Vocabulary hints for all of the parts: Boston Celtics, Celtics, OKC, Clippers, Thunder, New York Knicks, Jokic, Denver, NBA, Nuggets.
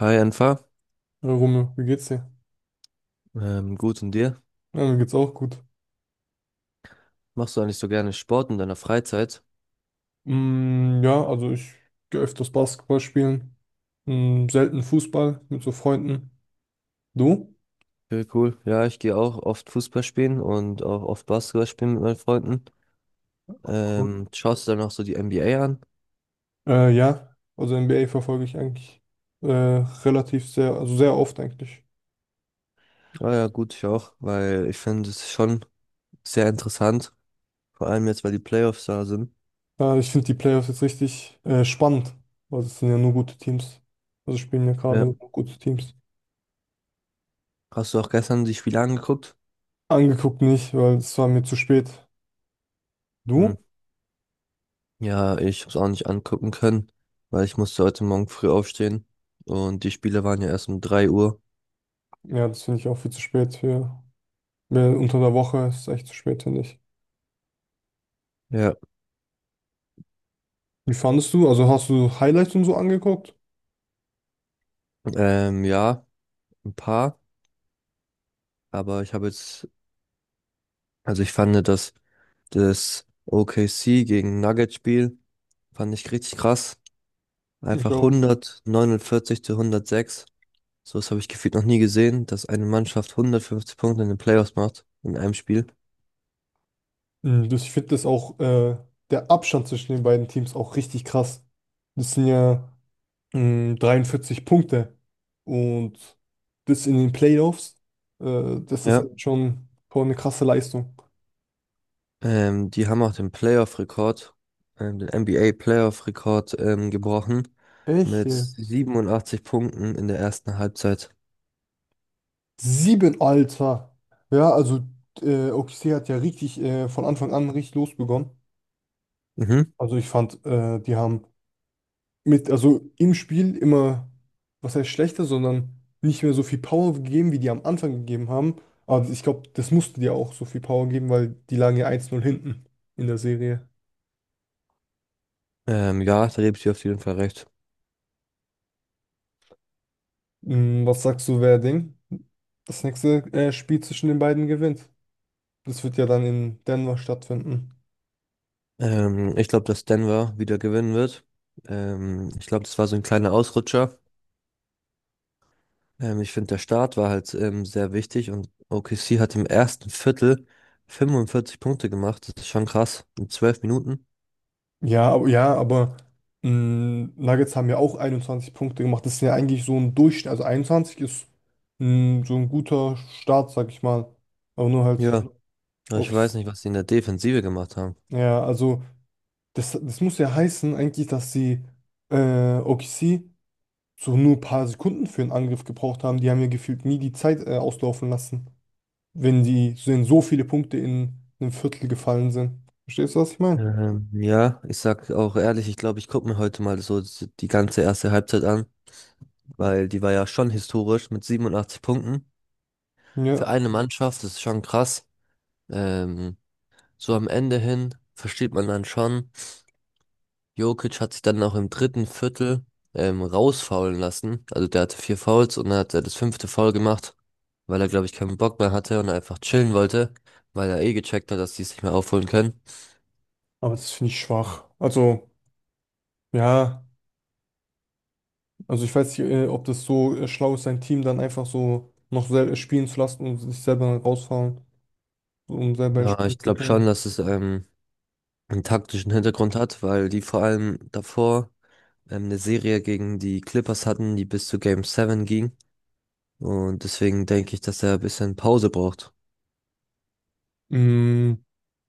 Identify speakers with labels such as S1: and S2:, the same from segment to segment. S1: Hi Enfa,
S2: Ja, Rumme, wie geht's dir?
S1: gut und dir?
S2: Ja, mir geht's auch gut.
S1: Machst du eigentlich so gerne Sport in deiner Freizeit?
S2: Ja, also ich gehe öfters Basketball spielen. Selten Fußball mit so Freunden. Du?
S1: Okay, cool. Ja, ich gehe auch oft Fußball spielen und auch oft Basketball spielen mit meinen Freunden.
S2: Cool.
S1: Schaust du dann auch so die NBA an?
S2: Ja, also NBA verfolge ich eigentlich relativ sehr, also sehr oft eigentlich.
S1: Ah ja, gut, ich auch, weil ich finde es schon sehr interessant, vor allem jetzt, weil die Playoffs da sind.
S2: Ja, ich finde die Playoffs jetzt richtig spannend, weil es sind ja nur gute Teams. Also spielen ja gerade
S1: Ja.
S2: nur gute Teams.
S1: Hast du auch gestern die Spiele angeguckt?
S2: Angeguckt nicht, weil es war mir zu spät.
S1: Hm.
S2: Du?
S1: Ja, ich habe es auch nicht angucken können, weil ich musste heute Morgen früh aufstehen und die Spiele waren ja erst um 3 Uhr.
S2: Ja, das finde ich auch viel zu spät. Für, mehr unter der Woche ist es echt zu spät, finde ich.
S1: Ja.
S2: Wie fandest du? Also hast du Highlights und so angeguckt?
S1: Ja, ein paar. Aber ich habe jetzt, also ich fand das, das OKC gegen Nuggets-Spiel, fand ich richtig krass.
S2: Ich
S1: Einfach
S2: auch.
S1: 149 zu 106. So was habe ich gefühlt noch nie gesehen, dass eine Mannschaft 150 Punkte in den Playoffs macht, in einem Spiel.
S2: Mhm. Das, ich finde das auch, der Abstand zwischen den beiden Teams auch richtig krass. Das sind ja 43 Punkte. Und das in den Playoffs, das ist
S1: Ja.
S2: schon, schon eine krasse Leistung.
S1: Die haben auch den Playoff-Rekord, den NBA-Playoff-Rekord gebrochen
S2: Echt?
S1: mit
S2: Ja.
S1: 87 Punkten in der ersten Halbzeit.
S2: Sieben, Alter. Ja, also OKC hat ja richtig von Anfang an richtig losbegonnen.
S1: Mhm.
S2: Also ich fand, die haben mit, also im Spiel immer, was heißt schlechter, sondern nicht mehr so viel Power gegeben, wie die am Anfang gegeben haben. Aber ich glaube, das musste dir auch so viel Power geben, weil die lagen ja 1-0 hinten in der Serie.
S1: Ja, da gebe ich dir auf jeden Fall recht.
S2: Hm, was sagst du, wer Ding das nächste Spiel zwischen den beiden gewinnt? Das wird ja dann in Denver stattfinden.
S1: Ich glaube, dass Denver wieder gewinnen wird. Ich glaube, das war so ein kleiner Ausrutscher. Ich finde, der Start war halt sehr wichtig und OKC hat im ersten Viertel 45 Punkte gemacht. Das ist schon krass. In 12 Minuten.
S2: Ja, aber Nuggets haben ja auch 21 Punkte gemacht. Das ist ja eigentlich so ein Durchschnitt. Also 21 ist so ein guter Start, sag ich mal. Aber nur halt,
S1: Ja, aber ich
S2: okay.
S1: weiß nicht, was sie in der Defensive gemacht haben.
S2: Ja, also das, das muss ja heißen eigentlich, dass sie OKC so nur ein paar Sekunden für einen Angriff gebraucht haben. Die haben ja gefühlt nie die Zeit auslaufen lassen, wenn die wenn so viele Punkte in einem Viertel gefallen sind. Verstehst du, was ich meine?
S1: Ja, ich sag auch ehrlich, ich glaube, ich gucke mir heute mal so die ganze erste Halbzeit an, weil die war ja schon historisch mit 87 Punkten. Für
S2: Ja,
S1: eine Mannschaft, das ist schon krass. Ähm, So am Ende hin versteht man dann schon, Jokic hat sich dann auch im dritten Viertel rausfaulen lassen. Also der hatte vier Fouls und dann hat er das fünfte Foul gemacht, weil er, glaube ich, keinen Bock mehr hatte und einfach chillen wollte, weil er eh gecheckt hat, dass die es nicht mehr aufholen können.
S2: aber das finde ich schwach. Also, ja, also ich weiß nicht, ob das so schlau ist, sein Team dann einfach so noch selber spielen zu lassen und sich selber dann rausfahren, um selber
S1: Ja,
S2: entspannen
S1: ich
S2: zu
S1: glaube schon,
S2: können.
S1: dass es einen taktischen Hintergrund hat, weil die vor allem davor eine Serie gegen die Clippers hatten, die bis zu Game 7 ging. Und deswegen denke ich, dass er ein bisschen Pause braucht.
S2: Mm,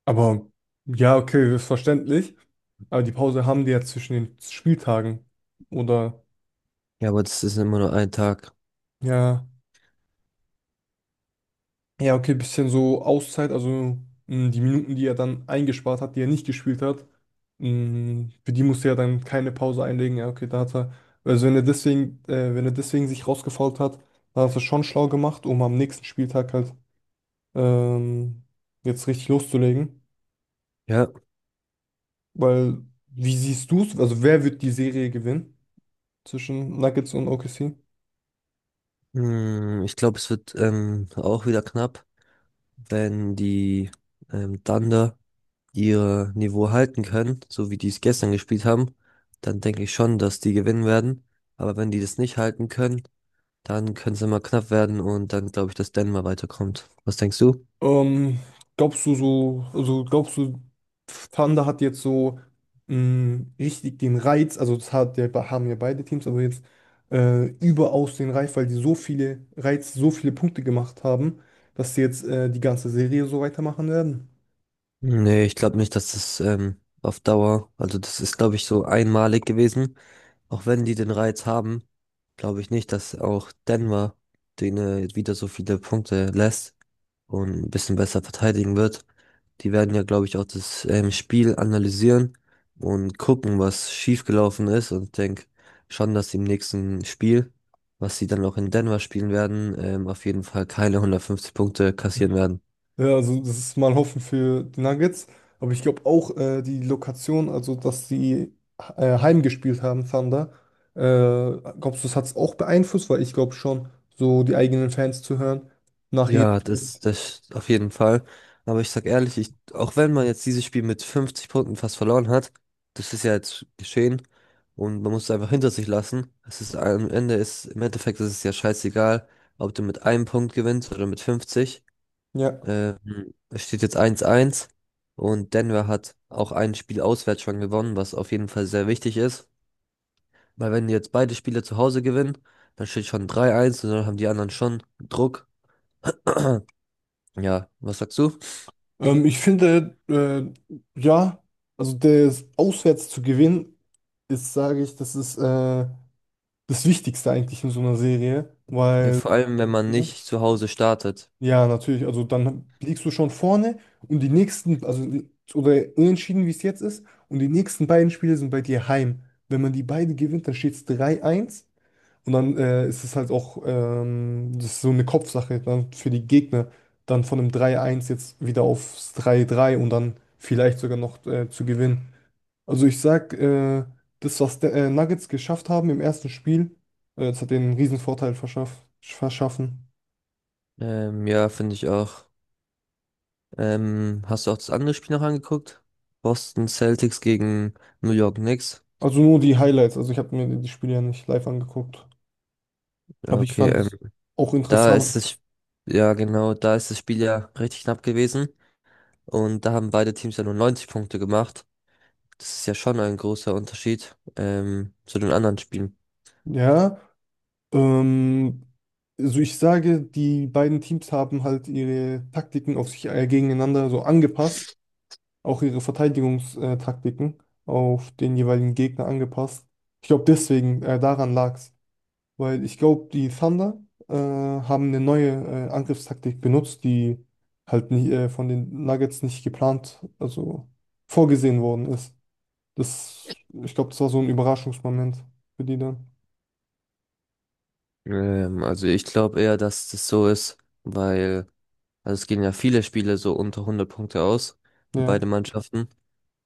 S2: aber ja, okay, ist verständlich. Aber die Pause haben die ja zwischen den Spieltagen. Oder
S1: Ja, aber das ist immer nur ein Tag.
S2: ja, ja, okay, bisschen so Auszeit, also die Minuten, die er dann eingespart hat, die er nicht gespielt hat, für die musste er dann keine Pause einlegen. Ja, okay, da hat er, also wenn er deswegen, wenn er deswegen sich rausgefault hat, dann hat er es schon schlau gemacht, um am nächsten Spieltag halt ähm, jetzt richtig loszulegen.
S1: Ja.
S2: Weil, wie siehst du es? Also wer wird die Serie gewinnen zwischen Nuggets und OKC?
S1: Ich glaube, es wird auch wieder knapp, wenn die Thunder ihr Niveau halten können, so wie die es gestern gespielt haben, dann denke ich schon, dass die gewinnen werden. Aber wenn die das nicht halten können, dann können es immer knapp werden und dann glaube ich, dass Denver weiterkommt. Was denkst du?
S2: Ähm, glaubst du so, also glaubst du, Thunder hat jetzt so richtig den Reiz, also das hat, haben ja beide Teams, aber jetzt überaus den Reiz, weil die so viele Reiz, so viele Punkte gemacht haben, dass sie jetzt die ganze Serie so weitermachen werden?
S1: Nee, ich glaube nicht, dass das auf Dauer, also das ist, glaube ich, so einmalig gewesen. Auch wenn die den Reiz haben, glaube ich nicht, dass auch Denver denen wieder so viele Punkte lässt und ein bisschen besser verteidigen wird. Die werden ja, glaube ich, auch das Spiel analysieren und gucken, was schiefgelaufen ist. Und ich denke schon, dass sie im nächsten Spiel, was sie dann auch in Denver spielen werden, auf jeden Fall keine 150 Punkte kassieren werden.
S2: Ja, also das ist mal Hoffen für die Nuggets, aber ich glaube auch die Lokation, also dass sie heimgespielt haben, Thunder, äh, glaubst du, das hat es auch beeinflusst, weil ich glaube schon, so die eigenen Fans zu hören nach
S1: Ja, das auf jeden Fall. Aber ich sag ehrlich, ich, auch wenn man jetzt dieses Spiel mit 50 Punkten fast verloren hat, das ist ja jetzt geschehen und man muss es einfach hinter sich lassen. Es ist am Ende ist, im Endeffekt ist es ja scheißegal, ob du mit einem Punkt gewinnst oder mit 50.
S2: ja,
S1: Ähm, es steht jetzt 1-1 und Denver hat auch ein Spiel auswärts schon gewonnen, was auf jeden Fall sehr wichtig ist. Weil wenn jetzt beide Spiele zu Hause gewinnen, dann steht schon 3-1 und dann haben die anderen schon Druck. Ja, was sagst du?
S2: ich finde, ja, also das auswärts zu gewinnen, ist, sage ich, das ist das Wichtigste eigentlich in so einer Serie,
S1: Ja,
S2: weil,
S1: vor allem, wenn man
S2: ne?
S1: nicht zu Hause startet.
S2: Ja, natürlich, also dann liegst du schon vorne und die nächsten, also oder unentschieden, wie es jetzt ist, und die nächsten beiden Spiele sind bei dir heim. Wenn man die beiden gewinnt, dann steht es 3-1. Und dann ist es halt auch das ist so eine Kopfsache dann für die Gegner, dann von einem 3-1 jetzt wieder aufs 3-3 und dann vielleicht sogar noch zu gewinnen. Also ich sag, das, was der, Nuggets geschafft haben im ersten Spiel, das hat denen einen riesen Vorteil verschaffen.
S1: Ja, finde ich auch. Hast du auch das andere Spiel noch angeguckt? Boston Celtics gegen New York Knicks.
S2: Also nur die Highlights, also ich habe mir die Spiele ja nicht live angeguckt.
S1: Ja,
S2: Aber ich
S1: okay,
S2: fand es auch
S1: da
S2: interessant.
S1: ist es, ja genau, da ist das Spiel ja richtig knapp gewesen. Und da haben beide Teams ja nur 90 Punkte gemacht. Das ist ja schon ein großer Unterschied, zu den anderen Spielen.
S2: Ja. Ähm, also ich sage, die beiden Teams haben halt ihre Taktiken auf sich gegeneinander so angepasst, auch ihre Verteidigungstaktiken auf den jeweiligen Gegner angepasst. Ich glaube, deswegen daran lag's, weil ich glaube, die Thunder haben eine neue Angriffstaktik benutzt, die halt nicht, von den Nuggets nicht geplant, also vorgesehen worden ist. Das, ich glaube, das war so ein Überraschungsmoment für die dann.
S1: Also ich glaube eher, dass das so ist, weil, also es gehen ja viele Spiele so unter 100 Punkte aus für
S2: Ja.
S1: beide Mannschaften.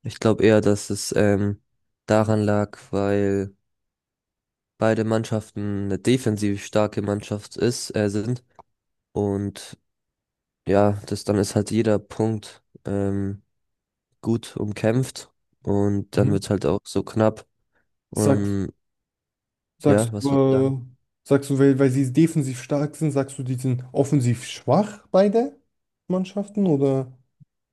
S1: Ich glaube eher, dass es daran lag, weil beide Mannschaften eine defensiv starke Mannschaft ist, sind. Und ja, das dann ist halt jeder Punkt gut umkämpft. Und dann wird
S2: Mhm.
S1: es halt auch so knapp.
S2: Sag,
S1: Und ja,
S2: sagst du,
S1: was wird dann?
S2: äh, sagst du, weil, weil sie defensiv stark sind, sagst du, die sind offensiv schwach, beide Mannschaften? Oder?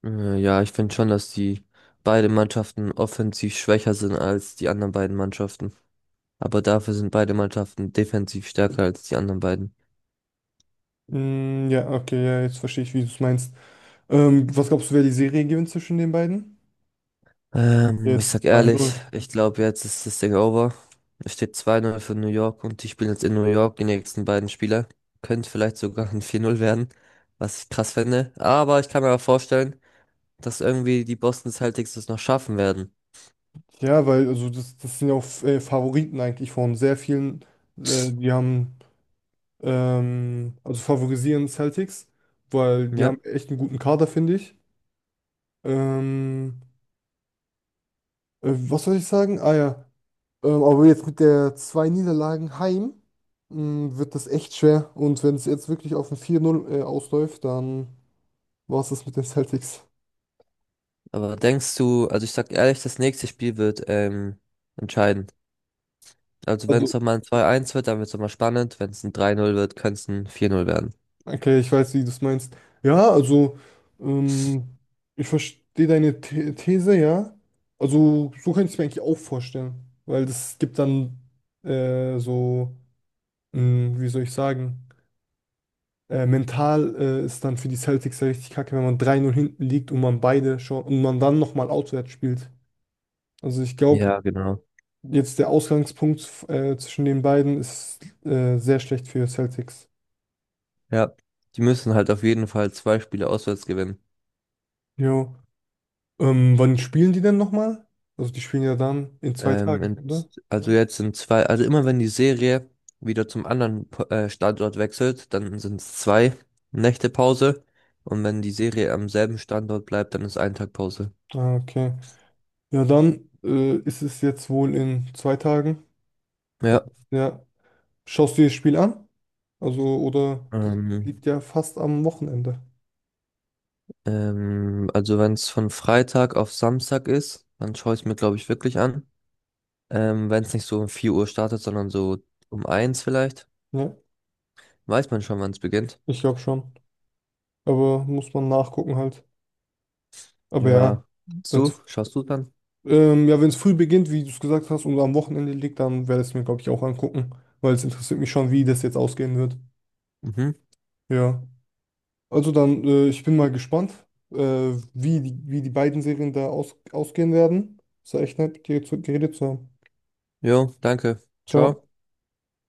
S1: Ja, ich finde schon, dass die beide Mannschaften offensiv schwächer sind als die anderen beiden Mannschaften. Aber dafür sind beide Mannschaften defensiv stärker als die anderen beiden.
S2: Ja, okay, ja, jetzt verstehe ich, wie du es meinst. Was glaubst du, wer die Serie gewinnt zwischen den beiden?
S1: Ich
S2: Jetzt
S1: sag
S2: zwei
S1: ehrlich,
S2: null.
S1: ich glaube, jetzt ist das Ding over. Es steht 2-0 für New York und die spielen jetzt in New York die nächsten beiden Spiele. Könnte vielleicht sogar ein 4-0 werden, was ich krass fände. Aber ich kann mir auch vorstellen, dass irgendwie die Boston Celtics das noch schaffen werden.
S2: Ja, weil also das, das sind ja auch Favoriten eigentlich von sehr vielen. Die haben, also favorisieren Celtics, weil die
S1: Ja,
S2: haben echt einen guten Kader, finde ich. Ähm, was soll ich sagen? Ah ja, aber jetzt mit der zwei Niederlagen heim wird das echt schwer. Und wenn es jetzt wirklich auf ein 4-0 ausläuft, dann war es das mit den Celtics.
S1: aber denkst du, also ich sag ehrlich, das nächste Spiel wird entscheiden. Also wenn
S2: Also,
S1: es nochmal ein 2-1 wird, dann wird es nochmal spannend. Wenn es ein 3-0 wird, könnte es ein 4-0 werden.
S2: okay, ich weiß, wie du es meinst. Ja, also, ähm, ich verstehe deine These, ja. Also, so könnte ich es mir eigentlich auch vorstellen. Weil das gibt dann so, wie soll ich sagen, mental ist dann für die Celtics ja richtig kacke, wenn man 3-0 hinten liegt und man beide schon und man dann nochmal auswärts spielt. Also ich glaube,
S1: Ja, genau.
S2: jetzt der Ausgangspunkt zwischen den beiden ist sehr schlecht für Celtics.
S1: Ja, die müssen halt auf jeden Fall zwei Spiele auswärts gewinnen.
S2: Jo. Wann spielen die denn nochmal? Also die spielen ja dann in zwei
S1: Ähm,
S2: Tagen,
S1: in,
S2: oder?
S1: also jetzt sind zwei, also immer wenn die Serie wieder zum anderen Standort wechselt, dann sind es 2 Nächte Pause. Und wenn die Serie am selben Standort bleibt, dann ist ein Tag Pause.
S2: Ah, okay. Ja, dann ist es jetzt wohl in zwei Tagen.
S1: Ja.
S2: Ja. Schaust du dir das Spiel an? Also, oder das
S1: Ähm,
S2: liegt ja fast am Wochenende.
S1: also wenn es von Freitag auf Samstag ist, dann schaue ich es mir, glaube ich, wirklich an. Wenn es nicht so um 4 Uhr startet, sondern so um eins vielleicht,
S2: Ja,
S1: weiß man schon, wann es beginnt.
S2: ich glaube schon. Aber muss man nachgucken halt. Aber
S1: Ja. Hast
S2: wenn
S1: du? Schaust du dann?
S2: Ja, wenn es früh beginnt, wie du es gesagt hast, und am Wochenende liegt, dann werde ich es mir, glaube ich, auch angucken, weil es interessiert mich schon, wie das jetzt ausgehen wird.
S1: Mhm.
S2: Ja. Also dann, ich bin mal gespannt, äh, wie die beiden Serien da aus, ausgehen werden. Es war echt nett, mit dir zu, geredet zu haben.
S1: Jo, danke.
S2: Ciao.
S1: Ciao.